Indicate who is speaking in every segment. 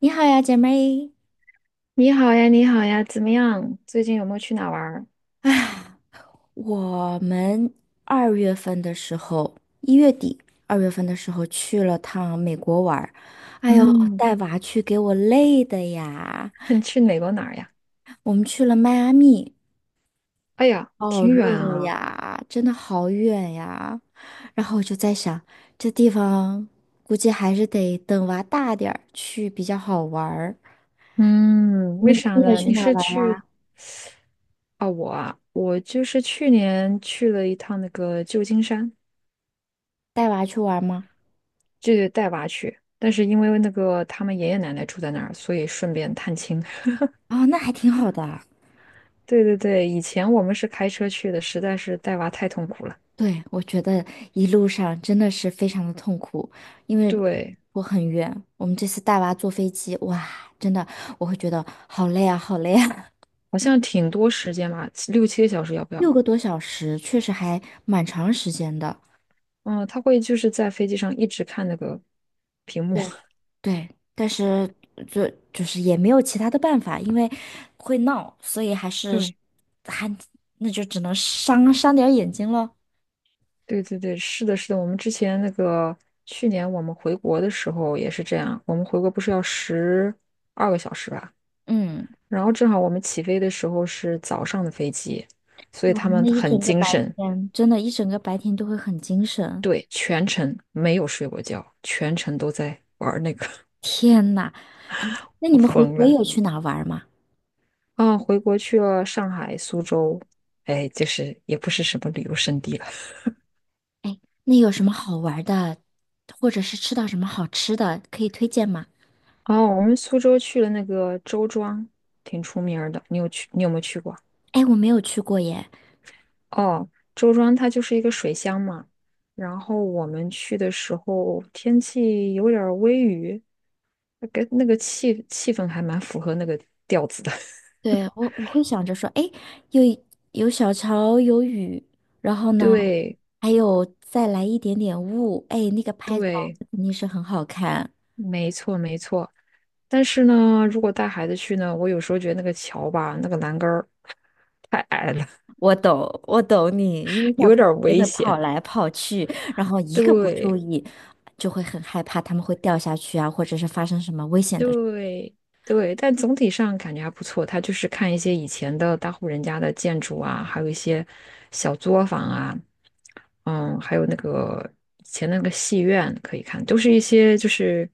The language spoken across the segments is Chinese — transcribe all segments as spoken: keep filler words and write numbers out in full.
Speaker 1: 你好呀，姐妹。
Speaker 2: 你好呀，你好呀，怎么样？最近有没有去哪玩儿？
Speaker 1: 我们二月份的时候，一月底、二月份的时候去了趟美国玩儿，哎呦，
Speaker 2: 嗯。
Speaker 1: 带娃去给我累的呀！
Speaker 2: 你去美国哪儿呀？
Speaker 1: 我们去了迈阿密，
Speaker 2: 哎呀，
Speaker 1: 好
Speaker 2: 挺远
Speaker 1: 热
Speaker 2: 啊。
Speaker 1: 呀，真的好远呀。然后我就在想，这地方估计还是得等娃大点儿去比较好玩儿。
Speaker 2: 嗯，
Speaker 1: 你
Speaker 2: 为
Speaker 1: 们最
Speaker 2: 啥
Speaker 1: 近有
Speaker 2: 呢？
Speaker 1: 去
Speaker 2: 你
Speaker 1: 哪儿
Speaker 2: 是
Speaker 1: 玩儿呀
Speaker 2: 去啊？我啊，我就是去年去了一趟那个旧金山，
Speaker 1: 带娃去玩儿吗？
Speaker 2: 就是带娃去。但是因为那个他们爷爷奶奶住在那儿，所以顺便探亲。
Speaker 1: 哦，那还挺好的。
Speaker 2: 对对对，以前我们是开车去的，实在是带娃太痛苦了。
Speaker 1: 对，我觉得一路上真的是非常的痛苦，因为
Speaker 2: 对，
Speaker 1: 我很远，我们这次带娃坐飞机，哇，真的我会觉得好累啊，好累啊，
Speaker 2: 好像挺多时间吧，六七个小时要不
Speaker 1: 六
Speaker 2: 要？
Speaker 1: 个多小时确实还蛮长时间的。
Speaker 2: 嗯，他会就是在飞机上一直看那个屏幕。
Speaker 1: 对，对，但是就就是也没有其他的办法，因为会闹，所以还是
Speaker 2: 对。
Speaker 1: 还那就只能伤伤点儿眼睛了。
Speaker 2: 对对对，是的，是的。我们之前那个去年我们回国的时候也是这样，我们回国不是要十二个小时吧？
Speaker 1: 嗯，
Speaker 2: 然后正好我们起飞的时候是早上的飞机，所以
Speaker 1: 哇，
Speaker 2: 他们
Speaker 1: 那一
Speaker 2: 很
Speaker 1: 整个
Speaker 2: 精
Speaker 1: 白
Speaker 2: 神。
Speaker 1: 天，真的，一整个白天都会很精神。
Speaker 2: 对，全程没有睡过觉，全程都在玩那个。
Speaker 1: 天呐，那你
Speaker 2: 我
Speaker 1: 们回
Speaker 2: 疯
Speaker 1: 国
Speaker 2: 了。
Speaker 1: 有去哪儿玩儿吗？
Speaker 2: 啊，回国去了上海、苏州。哎，就是也不是什么旅游胜地了。
Speaker 1: 那有什么好玩儿的，或者是吃到什么好吃的，可以推荐吗？
Speaker 2: 哦，我们苏州去了那个周庄，挺出名儿的。你有去？你有没有去过？
Speaker 1: 哎，我没有去过耶。
Speaker 2: 哦，周庄它就是一个水乡嘛。然后我们去的时候天气有点儿微雨，那个那个气气氛还蛮符合那个调子的。
Speaker 1: 对，我我会想着说，哎，有有小桥，有雨，然后呢，
Speaker 2: 对
Speaker 1: 还有再来一点点雾，哎，那个拍照
Speaker 2: 对。
Speaker 1: 肯定是很好看。
Speaker 2: 没错没错。但是呢，如果带孩子去呢，我有时候觉得那个桥吧，那个栏杆儿 太矮了。
Speaker 1: 我懂，我懂你，因为 小
Speaker 2: 有
Speaker 1: 朋
Speaker 2: 点
Speaker 1: 友
Speaker 2: 儿
Speaker 1: 也
Speaker 2: 危
Speaker 1: 会
Speaker 2: 险。
Speaker 1: 跑来跑去，然后一个不注
Speaker 2: 对
Speaker 1: 意就会很害怕，他们会掉下去啊，或者是发生什么危险的。
Speaker 2: 对对，但总体上感觉还不错。他就是看一些以前的大户人家的建筑啊，还有一些小作坊啊，嗯，还有那个以前那个戏院可以看，都是一些就是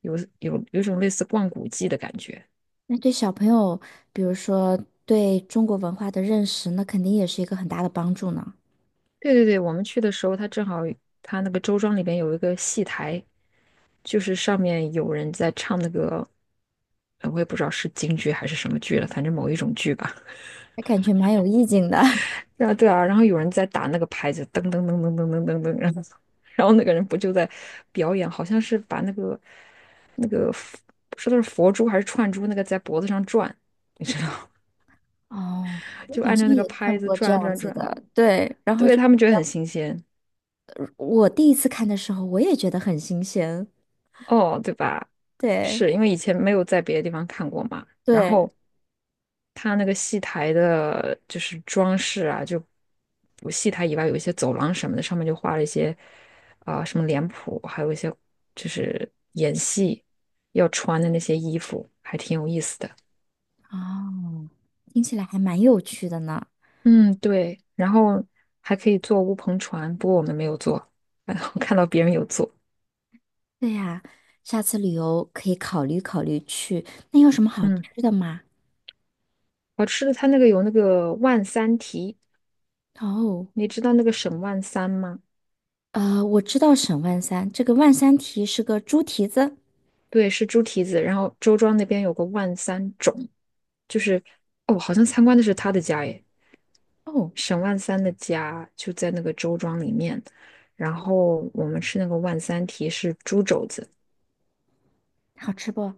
Speaker 2: 有有有一种类似逛古迹的感觉。
Speaker 1: 那对小朋友，比如说对中国文化的认识，那肯定也是一个很大的帮助呢。
Speaker 2: 对对对，我们去的时候，他正好他那个周庄里边有一个戏台，就是上面有人在唱那个。呃我也不知道是京剧还是什么剧了，反正某一种剧吧。
Speaker 1: 还感觉蛮有意境的。
Speaker 2: 对啊，对啊，然后有人在打那个拍子，噔噔噔噔噔噔噔噔，然后然后那个人不就在表演，好像是把那个不知道是佛珠还是串珠，那个在脖子上转，你知道。
Speaker 1: 哦，我
Speaker 2: 就
Speaker 1: 好
Speaker 2: 按
Speaker 1: 像
Speaker 2: 照那个
Speaker 1: 也看
Speaker 2: 拍子
Speaker 1: 过这
Speaker 2: 转
Speaker 1: 样
Speaker 2: 转
Speaker 1: 子
Speaker 2: 转，
Speaker 1: 的，对。然后
Speaker 2: 对
Speaker 1: 就
Speaker 2: 他们觉得很新鲜。
Speaker 1: 我第一次看的时候，我也觉得很新鲜。
Speaker 2: 哦，对吧？
Speaker 1: 对
Speaker 2: 是因为以前没有在别的地方看过嘛，然
Speaker 1: 对，
Speaker 2: 后它那个戏台的，就是装饰啊，就不戏台以外有一些走廊什么的，上面就画了一些啊、什么脸谱，还有一些就是演戏要穿的那些衣服，还挺有意思的。
Speaker 1: 哦，听起来还蛮有趣的呢。
Speaker 2: 嗯，对，然后还可以坐乌篷船，不过我们没有坐。我看到别人有坐。
Speaker 1: 对呀，下次旅游可以考虑考虑去。那有什么好
Speaker 2: 嗯，
Speaker 1: 吃的吗？
Speaker 2: 好吃的，它那个有那个万三蹄，
Speaker 1: 哦，
Speaker 2: 你知道那个沈万三吗？
Speaker 1: 呃，我知道沈万三，这个万三蹄是个猪蹄子。
Speaker 2: 对，是猪蹄子，然后周庄那边有个万三种。就是哦，好像参观的是他的家耶，
Speaker 1: 哦。
Speaker 2: 沈万三的家就在那个周庄里面。然后我们吃那个万三蹄是猪肘子，
Speaker 1: 好吃不？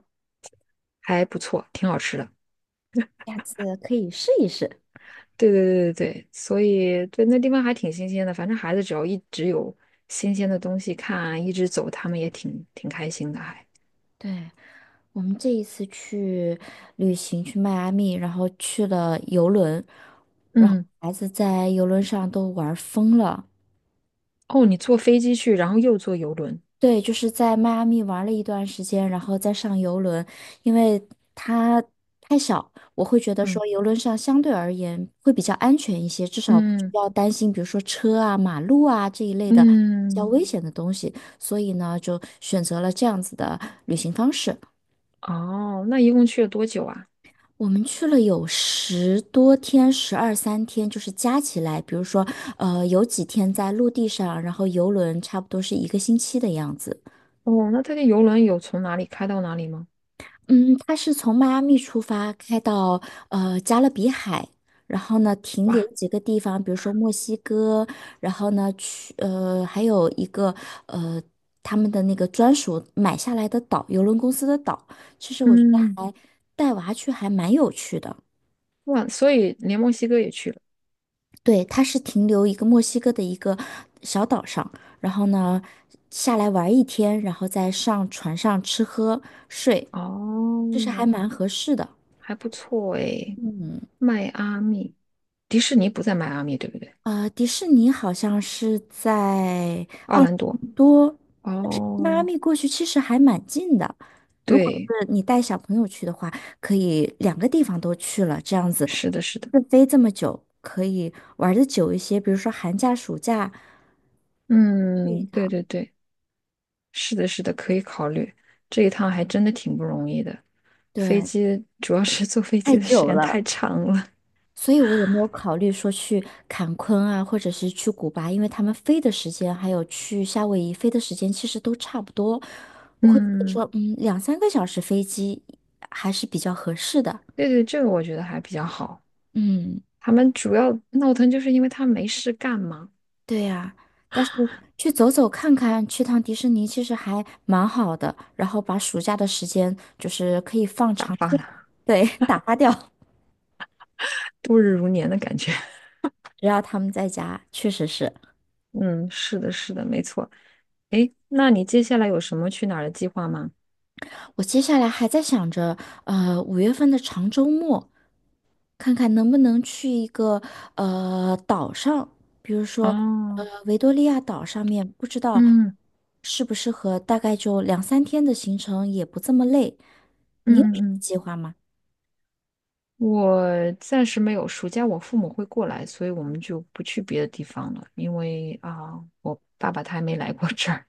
Speaker 2: 还不错，挺好吃的。
Speaker 1: 下次可以试一试。
Speaker 2: 对对对对对，所以对那地方还挺新鲜的。反正孩子只要一直有新鲜的东西看啊，一直走，他们也挺挺开心的还。
Speaker 1: 对，我们这一次去旅行去迈阿密，然后去了游轮，然后
Speaker 2: 嗯。
Speaker 1: 孩子在游轮上都玩疯了。
Speaker 2: 哦，你坐飞机去，然后又坐游轮。
Speaker 1: 对，就是在迈阿密玩了一段时间，然后再上游轮，因为它太小，我会觉得
Speaker 2: 嗯
Speaker 1: 说游轮上相对而言会比较安全一些，至少不需
Speaker 2: 嗯
Speaker 1: 要担心，比如说车啊、马路啊这一类的比较
Speaker 2: 嗯。
Speaker 1: 危险的东西，所以呢，就选择了这样子的旅行方式。
Speaker 2: 哦，那一共去了多久啊？
Speaker 1: 我们去了有十多天，十二三天，就是加起来，比如说，呃，有几天在陆地上，然后游轮差不多是一个星期的样子。
Speaker 2: 哦，那他的游轮有从哪里开到哪里吗？
Speaker 1: 嗯，它是从迈阿密出发，开到呃加勒比海，然后呢停留
Speaker 2: 哇。
Speaker 1: 几个地方，比如说墨西哥，然后呢去呃还有一个呃他们的那个专属买下来的岛，邮轮公司的岛。其实我觉得
Speaker 2: 嗯。
Speaker 1: 带娃去还蛮有趣的。
Speaker 2: 哇，所以连墨西哥也去了。
Speaker 1: 对，它是停留一个墨西哥的一个小岛上，然后呢下来玩一天，然后再上船上吃喝睡，这是还
Speaker 2: 哦，
Speaker 1: 蛮合适的。
Speaker 2: 还不错诶。
Speaker 1: 嗯。
Speaker 2: 迈阿密，迪士尼不在迈阿密，对不对？
Speaker 1: 呃，迪士尼好像是在
Speaker 2: 奥兰多。
Speaker 1: 多，但是迈阿
Speaker 2: 哦，
Speaker 1: 密过去其实还蛮近的。如果
Speaker 2: 对，
Speaker 1: 是你带小朋友去的话，可以两个地方都去了，这样子
Speaker 2: 是的，是的，
Speaker 1: 自飞这么久，可以玩的久一些。比如说寒假、暑假，
Speaker 2: 嗯，对对对，是的，是的，可以考虑。这一趟还真的挺不容易的，
Speaker 1: 对
Speaker 2: 飞
Speaker 1: 的，对
Speaker 2: 机主要是坐飞机
Speaker 1: 太
Speaker 2: 的
Speaker 1: 久
Speaker 2: 时间太
Speaker 1: 了。
Speaker 2: 长了。
Speaker 1: 所以我也没有考虑说去坎昆啊，或者是去古巴，因为他们飞的时间还有去夏威夷飞的时间其实都差不多。我会觉得
Speaker 2: 嗯，
Speaker 1: 说，嗯，两三个小时飞机还是比较合适的。
Speaker 2: 对对，这个我觉得还比较好。
Speaker 1: 嗯，
Speaker 2: 他们主要闹腾就是因为他没事干嘛，
Speaker 1: 对呀，但是去走走看看，去趟迪士尼其实还蛮好的，然后把暑假的时间就是可以放
Speaker 2: 打
Speaker 1: 长
Speaker 2: 发
Speaker 1: 线
Speaker 2: 了
Speaker 1: 对，打发掉。
Speaker 2: 度日如年的感觉。
Speaker 1: 只要他们在家，确实是。
Speaker 2: 嗯，是的，是的，没错。诶，那你接下来有什么去哪儿的计划吗？
Speaker 1: 我接下来还在想着，呃，五月份的长周末。看看能不能去一个呃岛上，比如说
Speaker 2: 哦，
Speaker 1: 呃维多利亚岛上面，不知道
Speaker 2: 嗯
Speaker 1: 适不适合，大概就两三天的行程也不这么累。
Speaker 2: 嗯
Speaker 1: 你有
Speaker 2: 嗯
Speaker 1: 什么
Speaker 2: 嗯，
Speaker 1: 计划吗？
Speaker 2: 我暂时没有。暑假我父母会过来，所以我们就不去别的地方了，因为啊，我爸爸他还没来过这儿，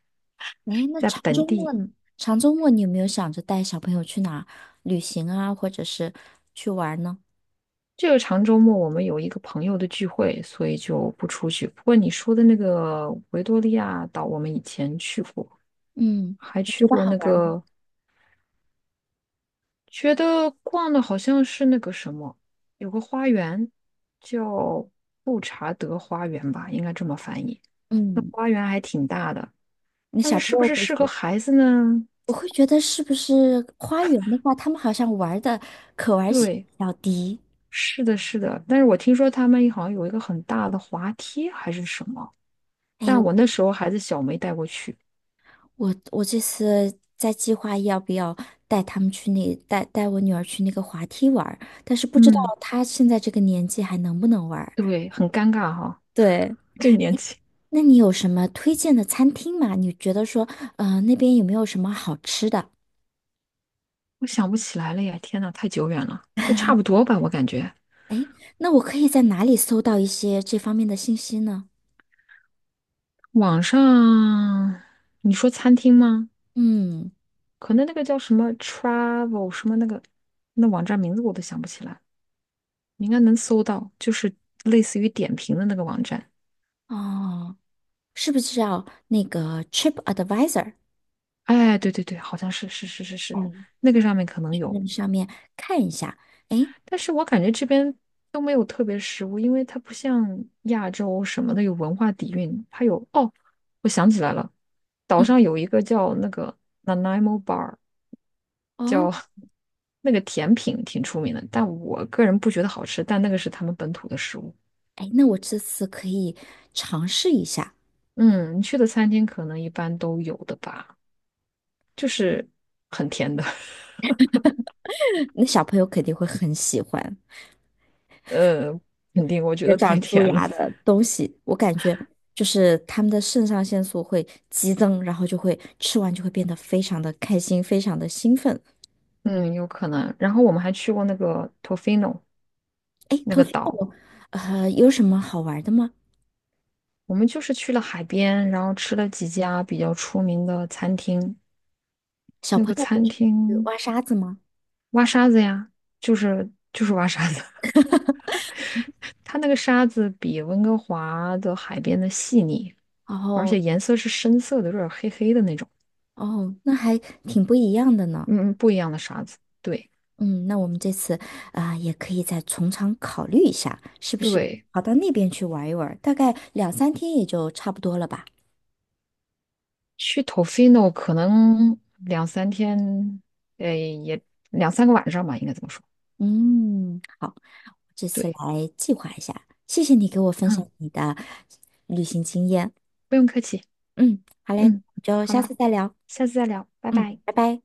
Speaker 1: 诶，那
Speaker 2: 在
Speaker 1: 长
Speaker 2: 本
Speaker 1: 周末
Speaker 2: 地。
Speaker 1: 呢？长周末你有没有想着带小朋友去哪儿旅行啊，或者是去玩儿呢？
Speaker 2: 这个长周末我们有一个朋友的聚会，所以就不出去。不过你说的那个维多利亚岛，我们以前去过，
Speaker 1: 嗯，
Speaker 2: 还
Speaker 1: 你
Speaker 2: 去
Speaker 1: 觉得
Speaker 2: 过
Speaker 1: 好
Speaker 2: 那
Speaker 1: 玩儿吗？
Speaker 2: 个觉得逛的好像是那个什么，有个花园叫布查德花园吧，应该这么翻译。那
Speaker 1: 嗯，
Speaker 2: 花园还挺大的，
Speaker 1: 那
Speaker 2: 但
Speaker 1: 小
Speaker 2: 是是
Speaker 1: 朋
Speaker 2: 不
Speaker 1: 友
Speaker 2: 是
Speaker 1: 会
Speaker 2: 适合
Speaker 1: 说，
Speaker 2: 孩子呢？
Speaker 1: 我会觉得是不是花园的话，他们好像玩儿的可玩性
Speaker 2: 对，
Speaker 1: 比较低。
Speaker 2: 是的，是的。但是我听说他们好像有一个很大的滑梯还是什么，但我那时候孩子小没带过去。
Speaker 1: 我我这次在计划要不要带他们去那带带我女儿去那个滑梯玩儿但是不知道
Speaker 2: 嗯，
Speaker 1: 她现在这个年纪还能不能玩儿
Speaker 2: 对，很尴尬哈。
Speaker 1: 对，
Speaker 2: 就年轻，
Speaker 1: 那你有什么推荐的餐厅吗？你觉得说，呃，那边有没有什么好吃的？
Speaker 2: 我想不起来了呀，天呐，太久远了，都差不多吧，我感觉。
Speaker 1: 哎，那我可以在哪里搜到一些这方面的信息呢？
Speaker 2: 网上，你说餐厅吗？
Speaker 1: 嗯，
Speaker 2: 可能那个叫什么 travel 什么那个那网站名字我都想不起来，你应该能搜到，就是类似于点评的那个网站。
Speaker 1: 哦，是不是要那个 trip advisor？
Speaker 2: 哎，对对对，好像是是是是是，
Speaker 1: 嗯，嗯
Speaker 2: 那个上面可能
Speaker 1: 去
Speaker 2: 有，
Speaker 1: 那个上面看一下。哎，
Speaker 2: 但是我感觉这边都没有特别食物，因为它不像亚洲什么的有文化底蕴，它有哦，我想起来了，岛
Speaker 1: 嗯。
Speaker 2: 上有一个叫那个 Nanaimo Bar。叫
Speaker 1: 哦，
Speaker 2: 那个甜品挺出名的，但我个人不觉得好吃，但那个是他们本土的食物。
Speaker 1: 哎，那我这次可以尝试一下，
Speaker 2: 嗯，你去的餐厅可能一般都有的吧，很甜的。
Speaker 1: 那小朋友肯定会很喜欢
Speaker 2: 呃，肯定我 觉
Speaker 1: 这
Speaker 2: 得太
Speaker 1: 长蛀
Speaker 2: 甜了。
Speaker 1: 牙的东西。我感觉就是他们的肾上腺素会激增，然后就会吃完就会变得非常的开心，非常的兴奋。
Speaker 2: 嗯，有可能。然后我们还去过那个 Tofino
Speaker 1: 哎，
Speaker 2: 那
Speaker 1: 头
Speaker 2: 个
Speaker 1: 先
Speaker 2: 岛，
Speaker 1: 我呃有什么好玩的吗？
Speaker 2: 我们就是去了海边，然后吃了几家比较出名的餐厅。
Speaker 1: 小
Speaker 2: 那
Speaker 1: 朋
Speaker 2: 个
Speaker 1: 友就
Speaker 2: 餐
Speaker 1: 是
Speaker 2: 厅
Speaker 1: 挖沙子吗？
Speaker 2: 挖沙子呀，就是就是挖沙子。它那个沙子比温哥华的海边的细腻，
Speaker 1: 然
Speaker 2: 而
Speaker 1: 后
Speaker 2: 且颜色是深色的，有点黑黑的那种。
Speaker 1: 哦，那还挺不一样的呢。
Speaker 2: 嗯，不一样的沙子。对
Speaker 1: 嗯，那我们这次啊、也可以再从长考虑一下，是不是
Speaker 2: 对，
Speaker 1: 跑到那边去玩一玩？大概两三天也就差不多了吧。
Speaker 2: 去 Tofino 可能两三天，呃，也两三个晚上吧，应该这么说。
Speaker 1: 嗯，这次
Speaker 2: 对。
Speaker 1: 来计划一下，谢谢你给我分享
Speaker 2: 嗯，
Speaker 1: 你的旅行经验。
Speaker 2: 不用客气。
Speaker 1: 嗯，好嘞，
Speaker 2: 嗯，
Speaker 1: 就
Speaker 2: 好
Speaker 1: 下
Speaker 2: 了，
Speaker 1: 次再聊。
Speaker 2: 下次再聊，拜
Speaker 1: 嗯，
Speaker 2: 拜。
Speaker 1: 拜拜。